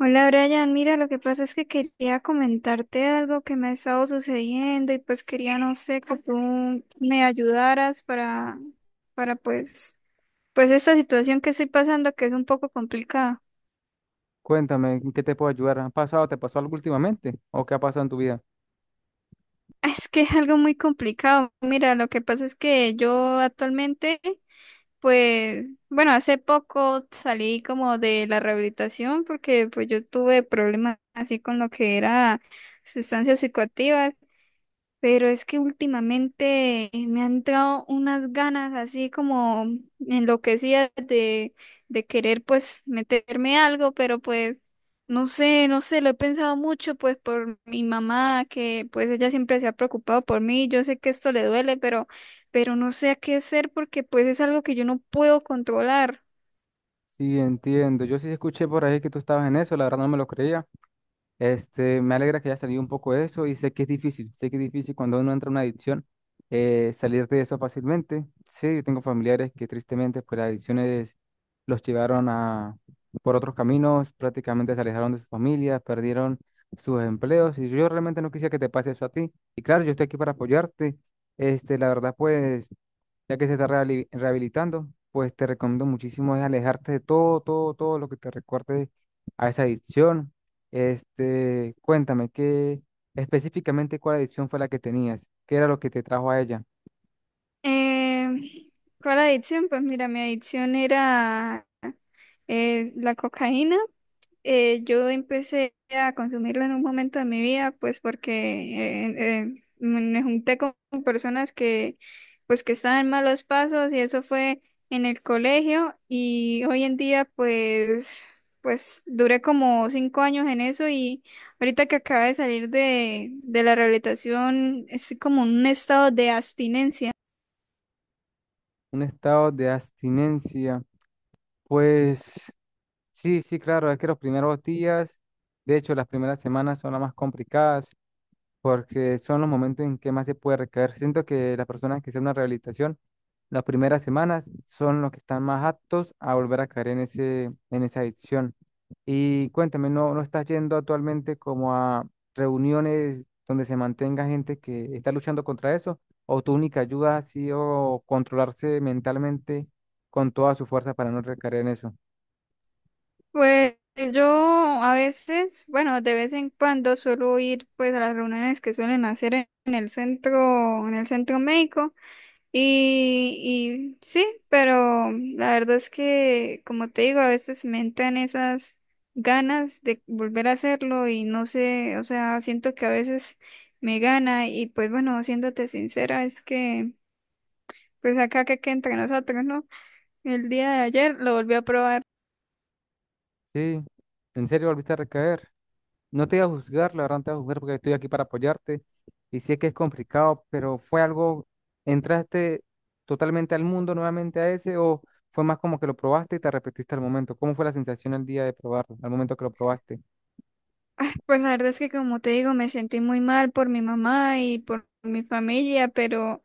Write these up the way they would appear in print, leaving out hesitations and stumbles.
Hola, Brian, mira, lo que pasa es que quería comentarte algo que me ha estado sucediendo y pues quería, no sé, que tú me ayudaras para esta situación que estoy pasando, que es un poco complicada. Cuéntame, ¿en qué te puedo ayudar? ¿Ha pasado, te pasó algo últimamente? ¿O qué ha pasado en tu vida? Es que es algo muy complicado. Mira, lo que pasa es que yo actualmente, pues, bueno, hace poco salí como de la rehabilitación porque pues yo tuve problemas así con lo que era sustancias psicoactivas. Pero es que últimamente me han dado unas ganas así como enloquecidas de querer pues meterme algo, pero pues no sé, lo he pensado mucho pues por mi mamá, que pues ella siempre se ha preocupado por mí. Yo sé que esto le duele, pero no sé a qué hacer porque pues es algo que yo no puedo controlar. Sí, entiendo. Yo sí escuché por ahí que tú estabas en eso, la verdad no me lo creía. Me alegra que haya salido un poco de eso y sé que es difícil, sé que es difícil cuando uno entra en una adicción salir de eso fácilmente. Sí, yo tengo familiares que tristemente pues las adicciones los llevaron a por otros caminos, prácticamente se alejaron de sus familias, perdieron sus empleos y yo realmente no quisiera que te pase eso a ti. Y claro, yo estoy aquí para apoyarte. La verdad pues ya que se está rehabilitando, pues te recomiendo muchísimo es alejarte de todo, todo, todo lo que te recuerde a esa adicción. Cuéntame, ¿qué específicamente cuál adicción fue la que tenías? ¿Qué era lo que te trajo a ella? Eh, ¿Cuál adicción? Pues mira, mi adicción era la cocaína. Yo empecé a consumirlo en un momento de mi vida, pues porque me junté con personas que, pues que estaban en malos pasos, y eso fue en el colegio. Y hoy en día, pues, pues duré como 5 años en eso. Y ahorita que acabo de salir de la rehabilitación, es como un estado de abstinencia. Un estado de abstinencia. Pues sí, sí, claro, es que los primeros días, de hecho, las primeras semanas son las más complicadas porque son los momentos en que más se puede recaer. Siento que las personas que hacen una rehabilitación, las primeras semanas son los que están más aptos a volver a caer en en esa adicción. Y cuéntame, no estás yendo actualmente como a reuniones donde se mantenga gente que está luchando contra eso? ¿O tu única ayuda ha sido controlarse mentalmente con toda su fuerza para no recaer en eso? Pues yo a veces, bueno, de vez en cuando suelo ir pues a las reuniones que suelen hacer en el centro, en el centro médico, y sí, pero la verdad es que, como te digo, a veces me entran esas ganas de volver a hacerlo y no sé, o sea, siento que a veces me gana. Y pues bueno, siéndote sincera, es que pues acá que entre nosotros, ¿no? El día de ayer lo volví a probar. Sí, ¿en serio volviste a recaer? No te voy a juzgar, la verdad no te voy a juzgar porque estoy aquí para apoyarte y sé que es complicado, pero fue algo, ¿entraste totalmente al mundo nuevamente a ese o fue más como que lo probaste y te arrepentiste al momento? ¿Cómo fue la sensación el día de probarlo, al momento que lo probaste? Ah, pues la verdad es que, como te digo, me sentí muy mal por mi mamá y por mi familia,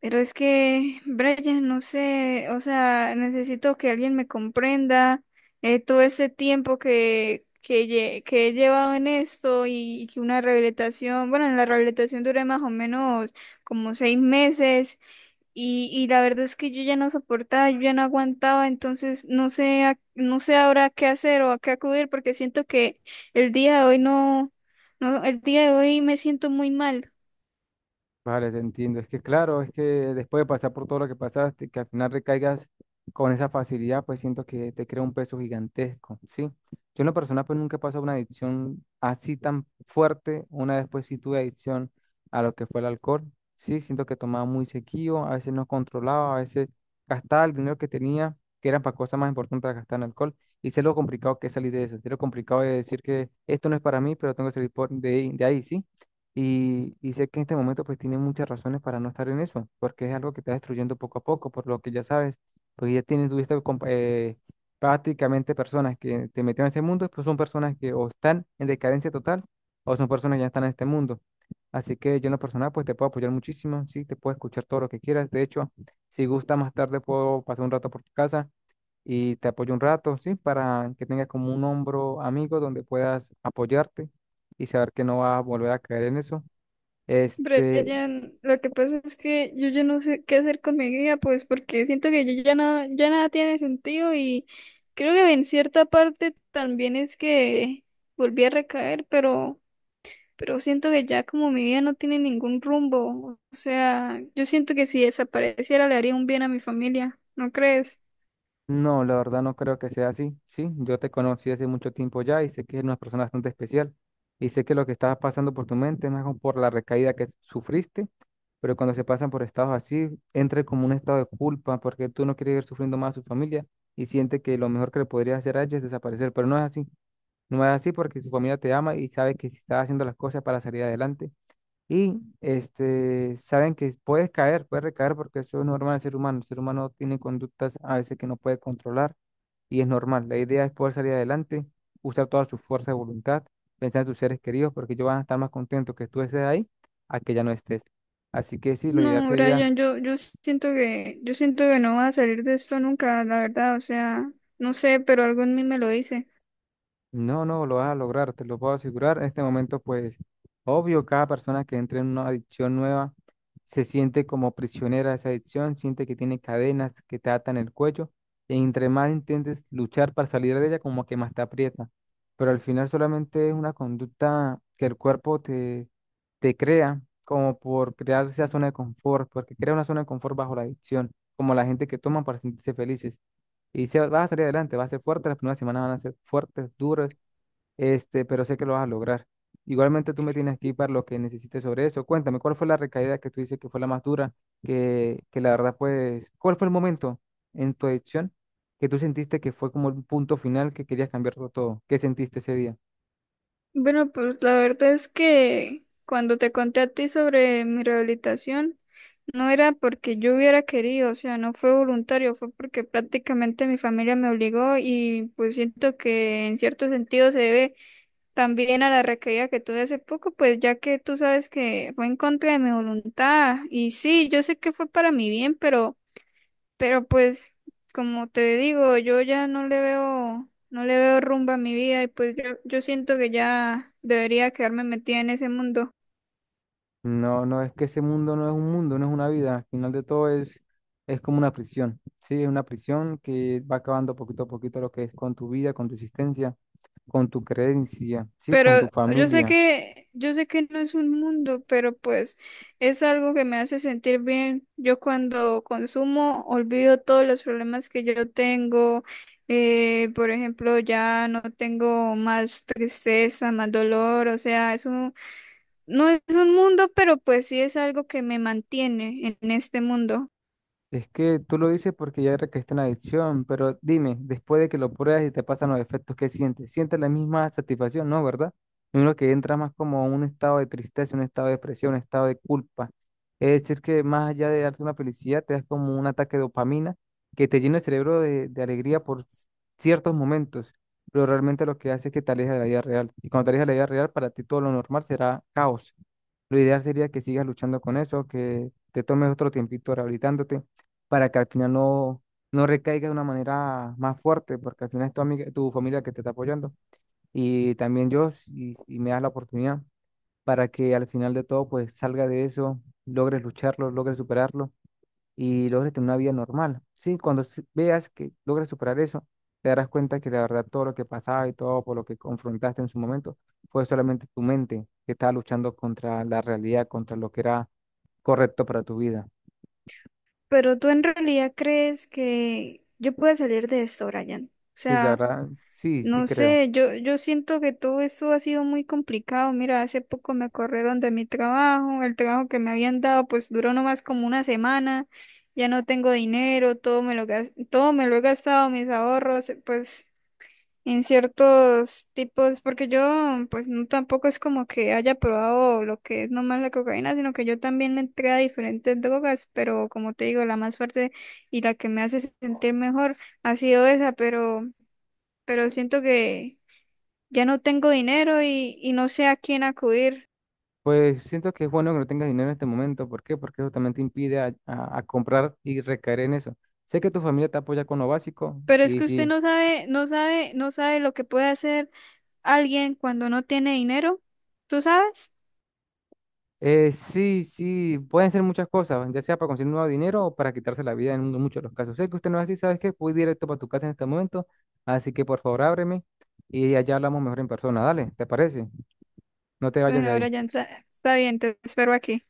pero es que, Brian, no sé, o sea, necesito que alguien me comprenda todo ese tiempo que he llevado en esto. Y, y que una rehabilitación, bueno, en la rehabilitación duré más o menos como 6 meses. Y, y la verdad es que yo ya no soportaba, yo ya no aguantaba, entonces no sé, no sé ahora qué hacer o a qué acudir, porque siento que el día de hoy no, no, el día de hoy me siento muy mal. Vale, te entiendo. Es que claro, es que después de pasar por todo lo que pasaste, que al final recaigas con esa facilidad, pues siento que te crea un peso gigantesco, ¿sí? Yo en lo personal pues nunca he pasado una adicción así tan fuerte. Una vez pues sí tuve adicción a lo que fue el alcohol, ¿sí? Siento que tomaba muy seguido, a veces no controlaba, a veces gastaba el dinero que tenía, que era para cosas más importantes de gastar en alcohol. Y sé lo complicado que es salir de eso, sé lo complicado de decir que esto no es para mí, pero tengo que salir de ahí, ¿sí? Y sé que en este momento pues tiene muchas razones para no estar en eso, porque es algo que está destruyendo poco a poco, por lo que ya sabes, porque ya tienes, tuviste prácticamente personas que te metieron en ese mundo, pues son personas que o están en decadencia total o son personas que ya están en este mundo. Así que yo en lo personal pues te puedo apoyar muchísimo, sí, te puedo escuchar todo lo que quieras. De hecho, si gusta más tarde puedo pasar un rato por tu casa y te apoyo un rato, sí, para que tengas como un hombro amigo donde puedas apoyarte y saber que no vas a volver a caer en eso. Este, Brian, lo que pasa es que yo ya no sé qué hacer con mi vida, pues porque siento que yo ya nada tiene sentido. Y creo que en cierta parte también es que volví a recaer, pero siento que ya como mi vida no tiene ningún rumbo. O sea, yo siento que si desapareciera le haría un bien a mi familia, ¿no crees? no, la verdad no creo que sea así, ¿sí? Yo te conocí hace mucho tiempo ya y sé que eres una persona bastante especial y sé que lo que estaba pasando por tu mente es más como por la recaída que sufriste, pero cuando se pasan por estados así, entra como un estado de culpa porque tú no quieres ir sufriendo más a su familia y siente que lo mejor que le podrías hacer a ella es desaparecer, pero no es así, no es así porque su familia te ama y sabe que si estás haciendo las cosas para salir adelante. Saben que puedes caer, puedes recaer porque eso es normal del ser humano. El ser humano tiene conductas a veces que no puede controlar y es normal. La idea es poder salir adelante, usar toda su fuerza de voluntad, pensar en tus seres queridos porque ellos van a estar más contentos que tú estés ahí a que ya no estés. Así que sí, lo ideal No, sería Brian, yo, yo siento que no vas a salir de esto nunca, la verdad, o sea, no sé, pero algo en mí me lo dice. no, no, lo vas a lograr, te lo puedo asegurar. En este momento, pues, obvio, cada persona que entra en una adicción nueva se siente como prisionera de esa adicción, siente que tiene cadenas que te atan el cuello, y entre más intentes luchar para salir de ella, como que más te aprieta. Pero al final solamente es una conducta que el cuerpo te crea, como por crear esa zona de confort, porque crea una zona de confort bajo la adicción, como la gente que toma para sentirse felices. Vas a salir adelante, vas a ser fuerte, las primeras semanas van a ser fuertes, duras, pero sé que lo vas a lograr. Igualmente tú me tienes aquí para lo que necesites sobre eso. Cuéntame, ¿cuál fue la recaída que tú dices que fue la más dura? Que la verdad, pues, ¿cuál fue el momento en tu adicción que tú sentiste que fue como el punto final que querías cambiarlo todo? ¿Qué sentiste ese día? Bueno, pues la verdad es que cuando te conté a ti sobre mi rehabilitación, no era porque yo hubiera querido, o sea, no fue voluntario, fue porque prácticamente mi familia me obligó. Y pues siento que en cierto sentido se debe también a la recaída que tuve hace poco, pues ya que tú sabes que fue en contra de mi voluntad. Y sí, yo sé que fue para mi bien, pero pues, como te digo, yo ya no le veo, no le veo rumbo a mi vida. Y pues yo siento que ya debería quedarme metida en ese mundo. No, no, es que ese mundo no es un mundo, no es una vida. Al final de todo es como una prisión, ¿sí? Es una prisión que va acabando poquito a poquito lo que es con tu vida, con tu existencia, con tu creencia, ¿sí? Con tu Pero familia. Yo sé que no es un mundo, pero pues es algo que me hace sentir bien. Yo cuando consumo olvido todos los problemas que yo tengo. Por ejemplo, ya no tengo más tristeza, más dolor. O sea, es un, no es un mundo, pero pues sí es algo que me mantiene en este mundo. Es que tú lo dices porque ya recaíste en la adicción, pero dime, después de que lo pruebas y te pasan los efectos, ¿qué sientes? ¿Sientes la misma satisfacción? No, ¿verdad? Uno que entra más como un estado de tristeza, un estado de depresión, un estado de culpa. Es decir, que más allá de darte una felicidad, te das como un ataque de dopamina que te llena el cerebro de alegría por ciertos momentos, pero realmente lo que hace es que te aleja de la vida real. Y cuando te alejas de la vida real, para ti todo lo normal será caos. Lo ideal sería que sigas luchando con eso, que te tomes otro tiempito rehabilitándote para que al final no recaiga de una manera más fuerte, porque al final es tu amiga, tu familia que te está apoyando. Y también yo, si me das la oportunidad, para que al final de todo, pues salga de eso, logres lucharlo, logres superarlo y logres tener una vida normal. Sí, cuando veas que logres superar eso, te darás cuenta que la verdad todo lo que pasaba y todo por lo que confrontaste en su momento fue solamente tu mente que estaba luchando contra la realidad, contra lo que era correcto para tu vida. Pero tú en realidad crees que yo pueda salir de esto, Brian. O Sí, la sea. verdad, sí, sí No creo. sé, yo siento que todo esto ha sido muy complicado. Mira, hace poco me corrieron de mi trabajo, el trabajo que me habían dado pues duró nomás como una semana, ya no tengo dinero, todo me lo todo me lo he gastado, mis ahorros, pues en ciertos tipos, porque yo pues no, tampoco es como que haya probado lo que es nomás la cocaína, sino que yo también le entré a diferentes drogas. Pero como te digo, la más fuerte y la que me hace sentir mejor ha sido esa, pero siento que ya no tengo dinero y no sé a quién acudir. Pues siento que es bueno que no tengas dinero en este momento. ¿Por qué? Porque eso también te impide a comprar y recaer en eso. Sé que tu familia te apoya con lo básico Pero es y que usted sí, no sabe, no sabe lo que puede hacer alguien cuando no tiene dinero, ¿tú sabes? Sí, sí, pueden ser muchas cosas, ya sea para conseguir nuevo dinero o para quitarse la vida en muchos de los casos. Sé que usted no es así, ¿sabes qué? Voy directo para tu casa en este momento, así que por favor ábreme y allá hablamos mejor en persona. Dale, ¿te parece? No te vayas Bueno, de ahora ya ahí. Está bien, te espero aquí.